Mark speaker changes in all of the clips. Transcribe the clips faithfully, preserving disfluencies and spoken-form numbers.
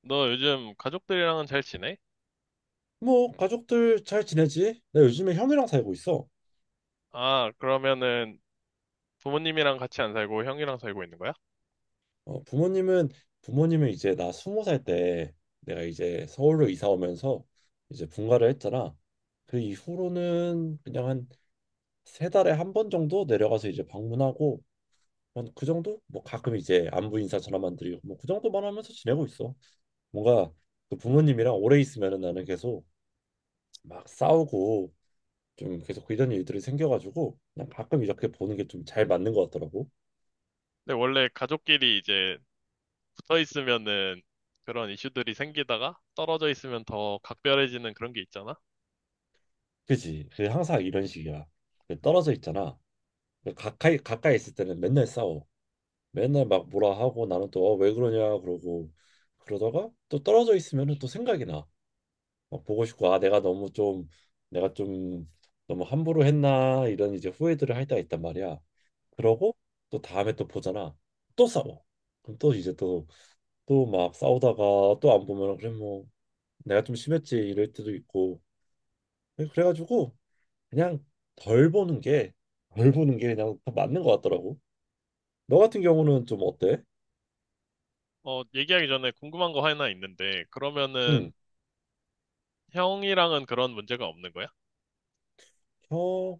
Speaker 1: 너 요즘 가족들이랑은 잘 지내?
Speaker 2: 뭐 가족들 잘 지내지? 나 요즘에 형이랑 살고 있어.
Speaker 1: 아, 그러면은 부모님이랑 같이 안 살고 형이랑 살고 있는 거야?
Speaker 2: 어, 부모님은 부모님은 이제 나 스무 살 때 내가 이제 서울로 이사 오면서 이제 분가를 했잖아. 그 이후로는 그냥 한 세 달에 한 번 정도 내려가서 이제 방문하고 한 그 정도? 뭐 가끔 이제 안부 인사 전화만 드리고 뭐 그 정도만 하면서 지내고 있어. 뭔가 그 부모님이랑 오래 있으면은 나는 계속 막 싸우고 좀 계속 이런 일들이 생겨가지고 그냥 가끔 이렇게 보는 게 좀 잘 맞는 것 같더라고.
Speaker 1: 근데 원래 가족끼리 이제 붙어 있으면은 그런 이슈들이 생기다가 떨어져 있으면 더 각별해지는 그런 게 있잖아?
Speaker 2: 그지? 그 항상 이런 식이야. 그 떨어져 있잖아. 그 가까이 가까이 있을 때는 맨날 싸워. 맨날 막 뭐라 하고 나는 또 "어, 왜 그러냐" 그러고 그러다가 또 떨어져 있으면은 또 생각이 나. 막 보고 싶고 아 내가 너무 좀 내가 좀 너무 함부로 했나 이런 이제 후회들을 할 때가 있단 말이야. 그러고 또 다음에 또 보잖아. 또 싸워. 그럼 또 이제 또 또 막 싸우다가 또 안 보면 그래 뭐 내가 좀 심했지 이럴 때도 있고 그래가지고 그냥 덜 보는 게, 덜 보는 게 그냥 더 맞는 것 같더라고. 너 같은 경우는 좀 어때?
Speaker 1: 어, 얘기하기 전에 궁금한 거 하나 있는데,
Speaker 2: 응,
Speaker 1: 그러면은 형이랑은 그런 문제가 없는 거야?
Speaker 2: 형,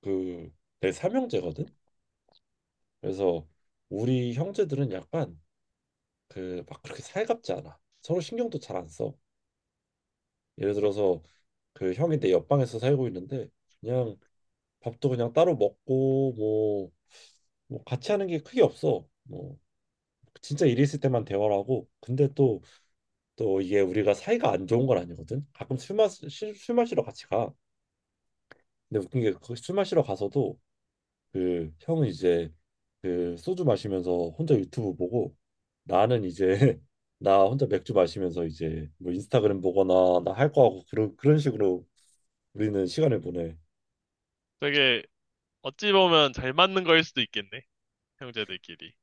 Speaker 2: 그, 내 삼형제거든? 그래서 우리 형제들은 약간 그 막 그렇게 살갑지 않아. 서로 신경도 잘 안 써. 예를 들어서 그 형이 내 옆방에서 살고 있는데 그냥 밥도 그냥 따로 먹고 뭐, 뭐 같이 하는 게 크게 없어. 뭐 진짜 일이 있을 때만 대화를 하고 근데 또 또 이게 우리가 사이가 안 좋은 건 아니거든. 가끔 술 마시 시- 술 마시러 같이 가. 근데 웃긴 게술 마시러 가서도 그 형은 이제 그 소주 마시면서 혼자 유튜브 보고 나는 이제 나 혼자 맥주 마시면서 이제 뭐 인스타그램 보거나 나 할 거 하고 그런 그런 식으로 우리는 시간을 보내.
Speaker 1: 되게 어찌 보면 잘 맞는 거일 수도 있겠네, 형제들끼리.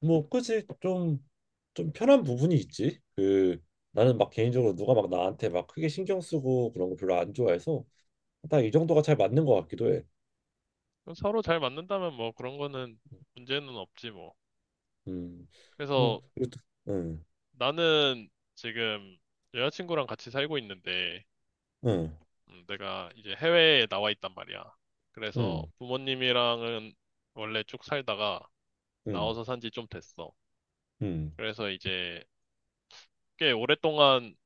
Speaker 2: 뭐 그치 좀좀 편한 부분이 있지. 그 나는 막 개인적으로 누가 막 나한테 막 크게 신경 쓰고 그런 거 별로 안 좋아해서 딱 이 정도가 잘 맞는 것 같기도 해.
Speaker 1: 그럼 서로 잘 맞는다면 뭐 그런 거는 문제는 없지 뭐.
Speaker 2: 음. 어,
Speaker 1: 그래서
Speaker 2: 이것도, 응,
Speaker 1: 나는 지금 여자친구랑 같이 살고 있는데,
Speaker 2: 응,
Speaker 1: 음, 내가 이제 해외에 나와 있단 말이야. 그래서
Speaker 2: 응,
Speaker 1: 부모님이랑은 원래 쭉 살다가
Speaker 2: 응,
Speaker 1: 나와서 산지 좀 됐어.
Speaker 2: 응,
Speaker 1: 그래서 이제 꽤 오랫동안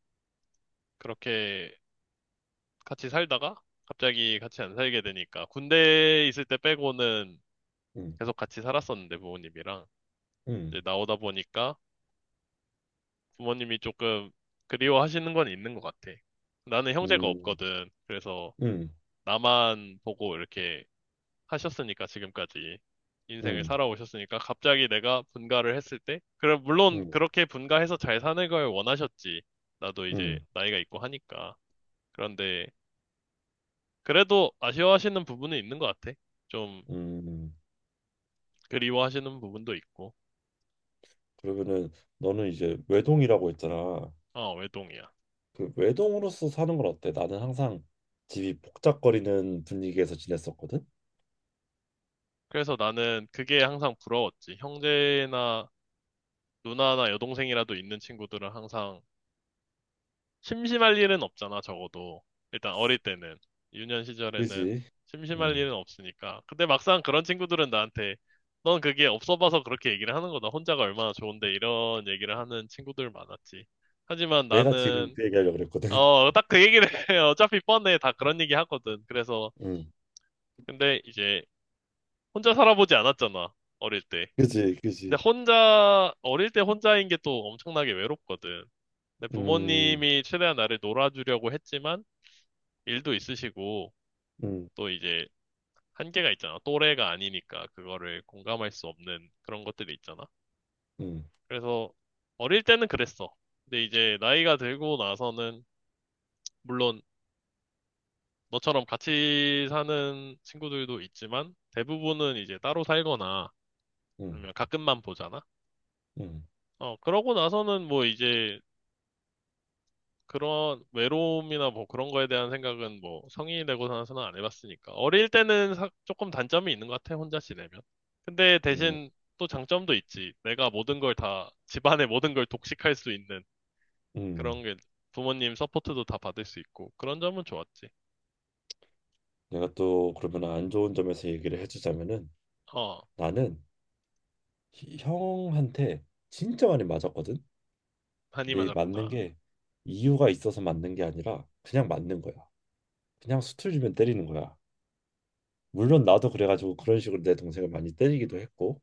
Speaker 1: 그렇게 같이 살다가 갑자기 같이 안 살게 되니까 군대에 있을 때 빼고는
Speaker 2: 응,
Speaker 1: 계속 같이 살았었는데 부모님이랑
Speaker 2: 응,
Speaker 1: 이제 나오다 보니까 부모님이 조금 그리워하시는 건 있는 것 같아. 나는 형제가
Speaker 2: 응,
Speaker 1: 없거든. 그래서
Speaker 2: 응,
Speaker 1: 나만 보고 이렇게 하셨으니까 지금까지 인생을
Speaker 2: 응,
Speaker 1: 살아오셨으니까 갑자기 내가 분가를 했을 때 그럼 물론
Speaker 2: 응,
Speaker 1: 그렇게 분가해서 잘 사는 걸 원하셨지. 나도 이제
Speaker 2: 응,
Speaker 1: 나이가 있고 하니까. 그런데 그래도 아쉬워하시는 부분은 있는 것 같아. 좀
Speaker 2: 응.
Speaker 1: 그리워하시는 부분도 있고.
Speaker 2: 그러면은 너는 이제 외동이라고 했잖아.
Speaker 1: 아, 외동이야.
Speaker 2: 그 외동으로서 사는 건 어때? 나는 항상 집이 복잡거리는 분위기에서 지냈었거든.
Speaker 1: 그래서 나는 그게 항상 부러웠지. 형제나 누나나 여동생이라도 있는 친구들은 항상 심심할 일은 없잖아, 적어도. 일단 어릴 때는. 유년 시절에는
Speaker 2: 그지?
Speaker 1: 심심할
Speaker 2: 응.
Speaker 1: 일은 없으니까. 근데 막상 그런 친구들은 나한테 넌 그게 없어 봐서 그렇게 얘기를 하는 거다. 혼자가 얼마나 좋은데 이런 얘기를 하는 친구들 많았지. 하지만
Speaker 2: 내가 지금
Speaker 1: 나는
Speaker 2: 그 얘기하려고 그랬거든.
Speaker 1: 어, 딱 그 얘기를 해. 어차피 뻔해. 다 그런 얘기 하거든. 그래서
Speaker 2: 응.
Speaker 1: 근데 이제 혼자 살아보지 않았잖아. 어릴 때.
Speaker 2: 그지,
Speaker 1: 근데
Speaker 2: 그지.
Speaker 1: 혼자 어릴 때 혼자인 게 또 엄청나게 외롭거든. 근데
Speaker 2: 음,
Speaker 1: 부모님이 최대한 나를 놀아주려고 했지만 일도 있으시고
Speaker 2: 음,
Speaker 1: 또 이제 한계가 있잖아. 또래가 아니니까 그거를 공감할 수 없는 그런 것들이 있잖아.
Speaker 2: 음,
Speaker 1: 그래서 어릴 때는 그랬어. 근데 이제 나이가 들고 나서는 물론 너처럼 같이 사는 친구들도 있지만 대부분은 이제 따로 살거나
Speaker 2: 음,
Speaker 1: 아니면 가끔만 보잖아.
Speaker 2: 음,
Speaker 1: 어, 그러고 나서는 뭐 이제 그런 외로움이나 뭐 그런 거에 대한 생각은 뭐 성인이 되고 나서는 안 해봤으니까. 어릴 때는 사- 조금 단점이 있는 것 같아, 혼자 지내면. 근데
Speaker 2: 음,
Speaker 1: 대신 또 장점도 있지. 내가 모든 걸 다, 집안의 모든 걸 독식할 수 있는
Speaker 2: 음.
Speaker 1: 그런 게 부모님 서포트도 다 받을 수 있고. 그런 점은 좋았지.
Speaker 2: 내가 또 그러면 안 좋은 점에서 얘기를 해주자면은
Speaker 1: 어,
Speaker 2: 나는 히- 형한테 진짜 많이 맞았거든.
Speaker 1: 한이
Speaker 2: 근데 이 맞는
Speaker 1: 맞았구나.
Speaker 2: 게 이유가 있어서 맞는 게 아니라 그냥 맞는 거야. 그냥 수틀 주면 때리는 거야. 물론 나도 그래가지고 그런 식으로 내 동생을 많이 때리기도 했고.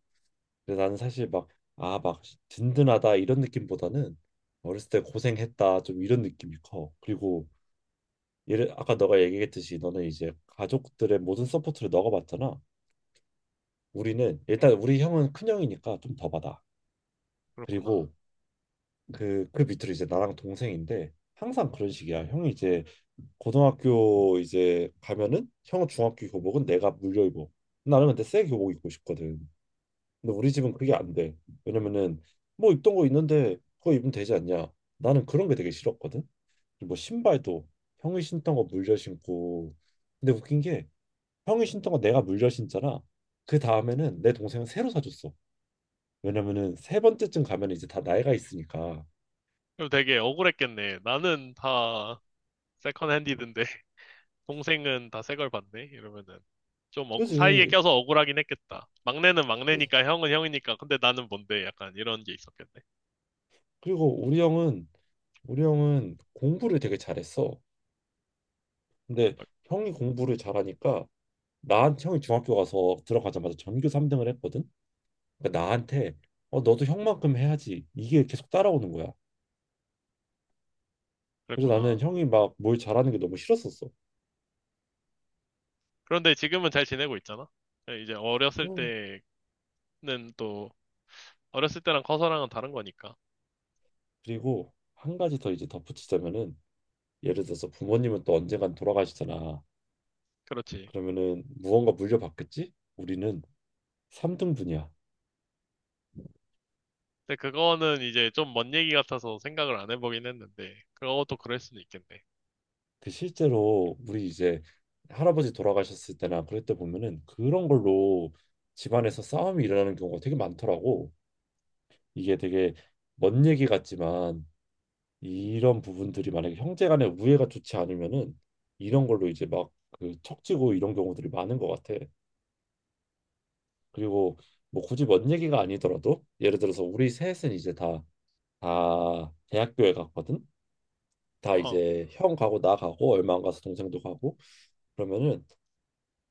Speaker 2: 근데 나는 사실 막 아, 막 든든하다 이런 느낌보다는 어렸을 때 고생했다 좀 이런 느낌이 커. 그리고 예를 아까 너가 얘기했듯이 너는 이제 가족들의 모든 서포트를 너가 받잖아. 우리는 일단 우리 형은 큰 형이니까 좀 더 받아.
Speaker 1: 그렇구나.
Speaker 2: 그리고 그 그 밑으로 이제 나랑 동생인데 항상 그런 식이야. 형이 이제 고등학교 이제 가면은 형은 중학교 교복은 내가 물려 입어. 나는 근데 새 교복 입고 싶거든. 근데 우리 집은 그게 안 돼. 왜냐면은 뭐 입던 거 있는데 그거 입으면 되지 않냐. 나는 그런 게 되게 싫었거든. 뭐 신발도 형이 신던 거 물려 신고. 근데 웃긴 게 형이 신던 거 내가 물려 신잖아. 그 다음에는 내 동생은 새로 사줬어. 왜냐면은 세 번째쯤 가면 이제 다 나이가 있으니까.
Speaker 1: 그리고 되게 억울했겠네. 나는 다 세컨 핸디든데 동생은 다 새걸 봤네? 이러면은. 좀 어- 사이에
Speaker 2: 그지?
Speaker 1: 껴서 억울하긴 했겠다. 막내는
Speaker 2: 그래서-
Speaker 1: 막내니까 형은 형이니까. 근데 나는 뭔데? 약간 이런 게 있었겠네.
Speaker 2: 그리고 우리 형은 우리 형은 공부를 되게 잘했어. 근데
Speaker 1: 아,
Speaker 2: 형이 공부를 잘하니까 나 형이 중학교 가서 들어가자마자 전교 삼 등을 했거든. 그러니까 나한테 어 너도 형만큼 해야지. 이게 계속 따라오는 거야. 그래서 나는
Speaker 1: 그랬구나.
Speaker 2: 형이 막 뭘 잘하는 게 너무 싫었었어.
Speaker 1: 그런데 지금은 잘 지내고 있잖아. 네, 이제 어렸을
Speaker 2: 어.
Speaker 1: 때는 또 어렸을 때랑 커서랑은 다른 거니까.
Speaker 2: 그리고 한 가지 더 이제 덧붙이자면은 예를 들어서 부모님은 또 언젠간 돌아가시잖아.
Speaker 1: 그렇지.
Speaker 2: 그러면은 무언가 물려받겠지? 우리는 삼 등분이야.
Speaker 1: 근데 그거는 이제 좀 먼 얘기 같아서 생각을 안 해보긴 했는데 그것도 그럴 수는 있겠네.
Speaker 2: 그 실제로 우리 이제 할아버지 돌아가셨을 때나 그럴 때 보면은 그런 걸로 집안에서 싸움이 일어나는 경우가 되게 많더라고. 이게 되게 먼 얘기 같지만 이런 부분들이 만약에 형제 간의 우애가 좋지 않으면은 이런 걸로 이제 막 그 척지고 이런 경우들이 많은 것 같아. 그리고 뭐 굳이 먼 얘기가 아니더라도 예를 들어서 우리 셋은 이제 다 다 대학교에 갔거든. 다
Speaker 1: 어,
Speaker 2: 이제 형 가고 나 가고 얼마 안 가서 동생도 가고 그러면은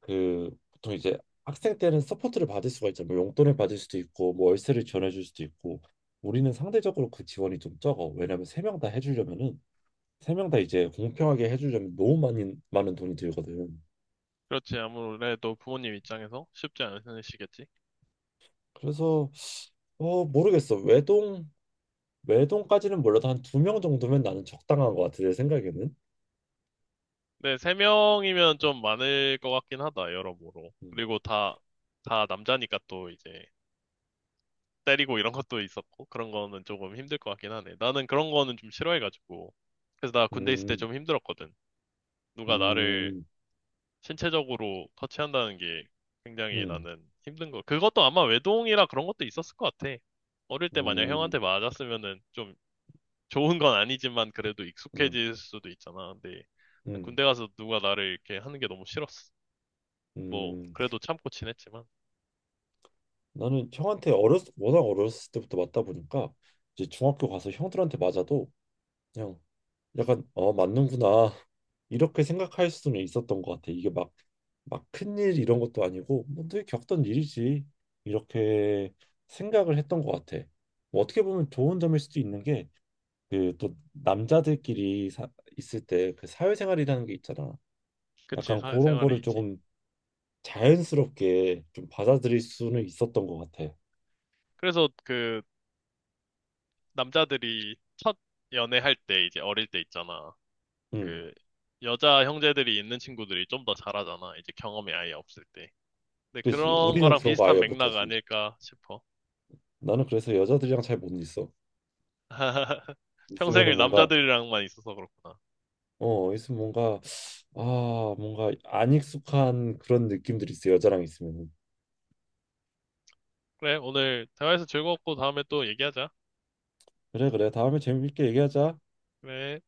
Speaker 2: 그 보통 이제 학생 때는 서포트를 받을 수가 있죠. 뭐 용돈을 받을 수도 있고 뭐 월세를 지원해줄 수도 있고 우리는 상대적으로 그 지원이 좀 적어. 왜냐면 세 명 다 해주려면은 세 명 다 이제 공평하게 해주려면 너무 많이 많은 돈이 들거든.
Speaker 1: 그렇지. 아무래도 부모님 입장에서 쉽지 않으시겠지.
Speaker 2: 그래서 어 모르겠어. 외동 외동까지는 몰라도 한 두 명 정도면 나는 적당한 것 같아 내 생각에는.
Speaker 1: 네, 세 명이면 좀 많을 것 같긴 하다, 여러모로.
Speaker 2: 음,
Speaker 1: 그리고 다, 다 남자니까 또 이제 때리고 이런 것도 있었고, 그런 거는 조금 힘들 것 같긴 하네. 나는 그런 거는 좀 싫어해가지고. 그래서 나 군대 있을 때
Speaker 2: 음,
Speaker 1: 좀 힘들었거든. 누가 나를
Speaker 2: 음,
Speaker 1: 신체적으로 터치한다는 게 굉장히
Speaker 2: 음,
Speaker 1: 나는 힘든 거. 그것도 아마 외동이라 그런 것도 있었을 것 같아. 어릴 때 만약
Speaker 2: 음,
Speaker 1: 형한테 맞았으면은 좀 좋은 건 아니지만 그래도
Speaker 2: 음,
Speaker 1: 익숙해질 수도 있잖아. 근데 난
Speaker 2: 음,
Speaker 1: 군대 가서 누가 나를 이렇게 하는 게 너무 싫었어. 뭐,
Speaker 2: 음.
Speaker 1: 그래도 참고 지냈지만.
Speaker 2: 나는 형한테 어렸 워낙 어렸을 때부터 맞다 보니까 이제 중학교 가서 형들한테 맞아도 그냥 약간 어 맞는구나 이렇게 생각할 수는 있었던 것 같아. 이게 막 막 큰일 이런 것도 아니고 뭐 늘 겪던 일이지 이렇게 생각을 했던 것 같아. 뭐 어떻게 보면 좋은 점일 수도 있는 게 그 또 남자들끼리 사, 있을 때 그 사회생활이라는 게 있잖아.
Speaker 1: 그치,
Speaker 2: 약간 그런
Speaker 1: 사회생활에
Speaker 2: 거를
Speaker 1: 있지.
Speaker 2: 조금 자연스럽게 좀 받아들일 수는 있었던 것 같아.
Speaker 1: 그래서 그, 남자들이 첫 연애할 때, 이제 어릴 때 있잖아.
Speaker 2: 음.
Speaker 1: 그, 여자 형제들이 있는 친구들이 좀 더 잘하잖아. 이제 경험이 아예 없을 때. 근데
Speaker 2: 그지
Speaker 1: 그런
Speaker 2: 우리는
Speaker 1: 거랑
Speaker 2: 그런 거
Speaker 1: 비슷한
Speaker 2: 아예
Speaker 1: 맥락
Speaker 2: 못하지
Speaker 1: 아닐까 싶어.
Speaker 2: 나는 그래서 여자들이랑 잘 못 있어
Speaker 1: 평생을
Speaker 2: 있으면은 뭔가
Speaker 1: 남자들이랑만 있어서 그렇구나.
Speaker 2: 어 있으면 뭔가 아 뭔가 안 익숙한 그런 느낌들이 있어 여자랑 있으면은
Speaker 1: 그래, 오늘 대화해서 즐거웠고 다음에 또 얘기하자.
Speaker 2: 그래 그래 다음에 재밌게 얘기하자
Speaker 1: 그래.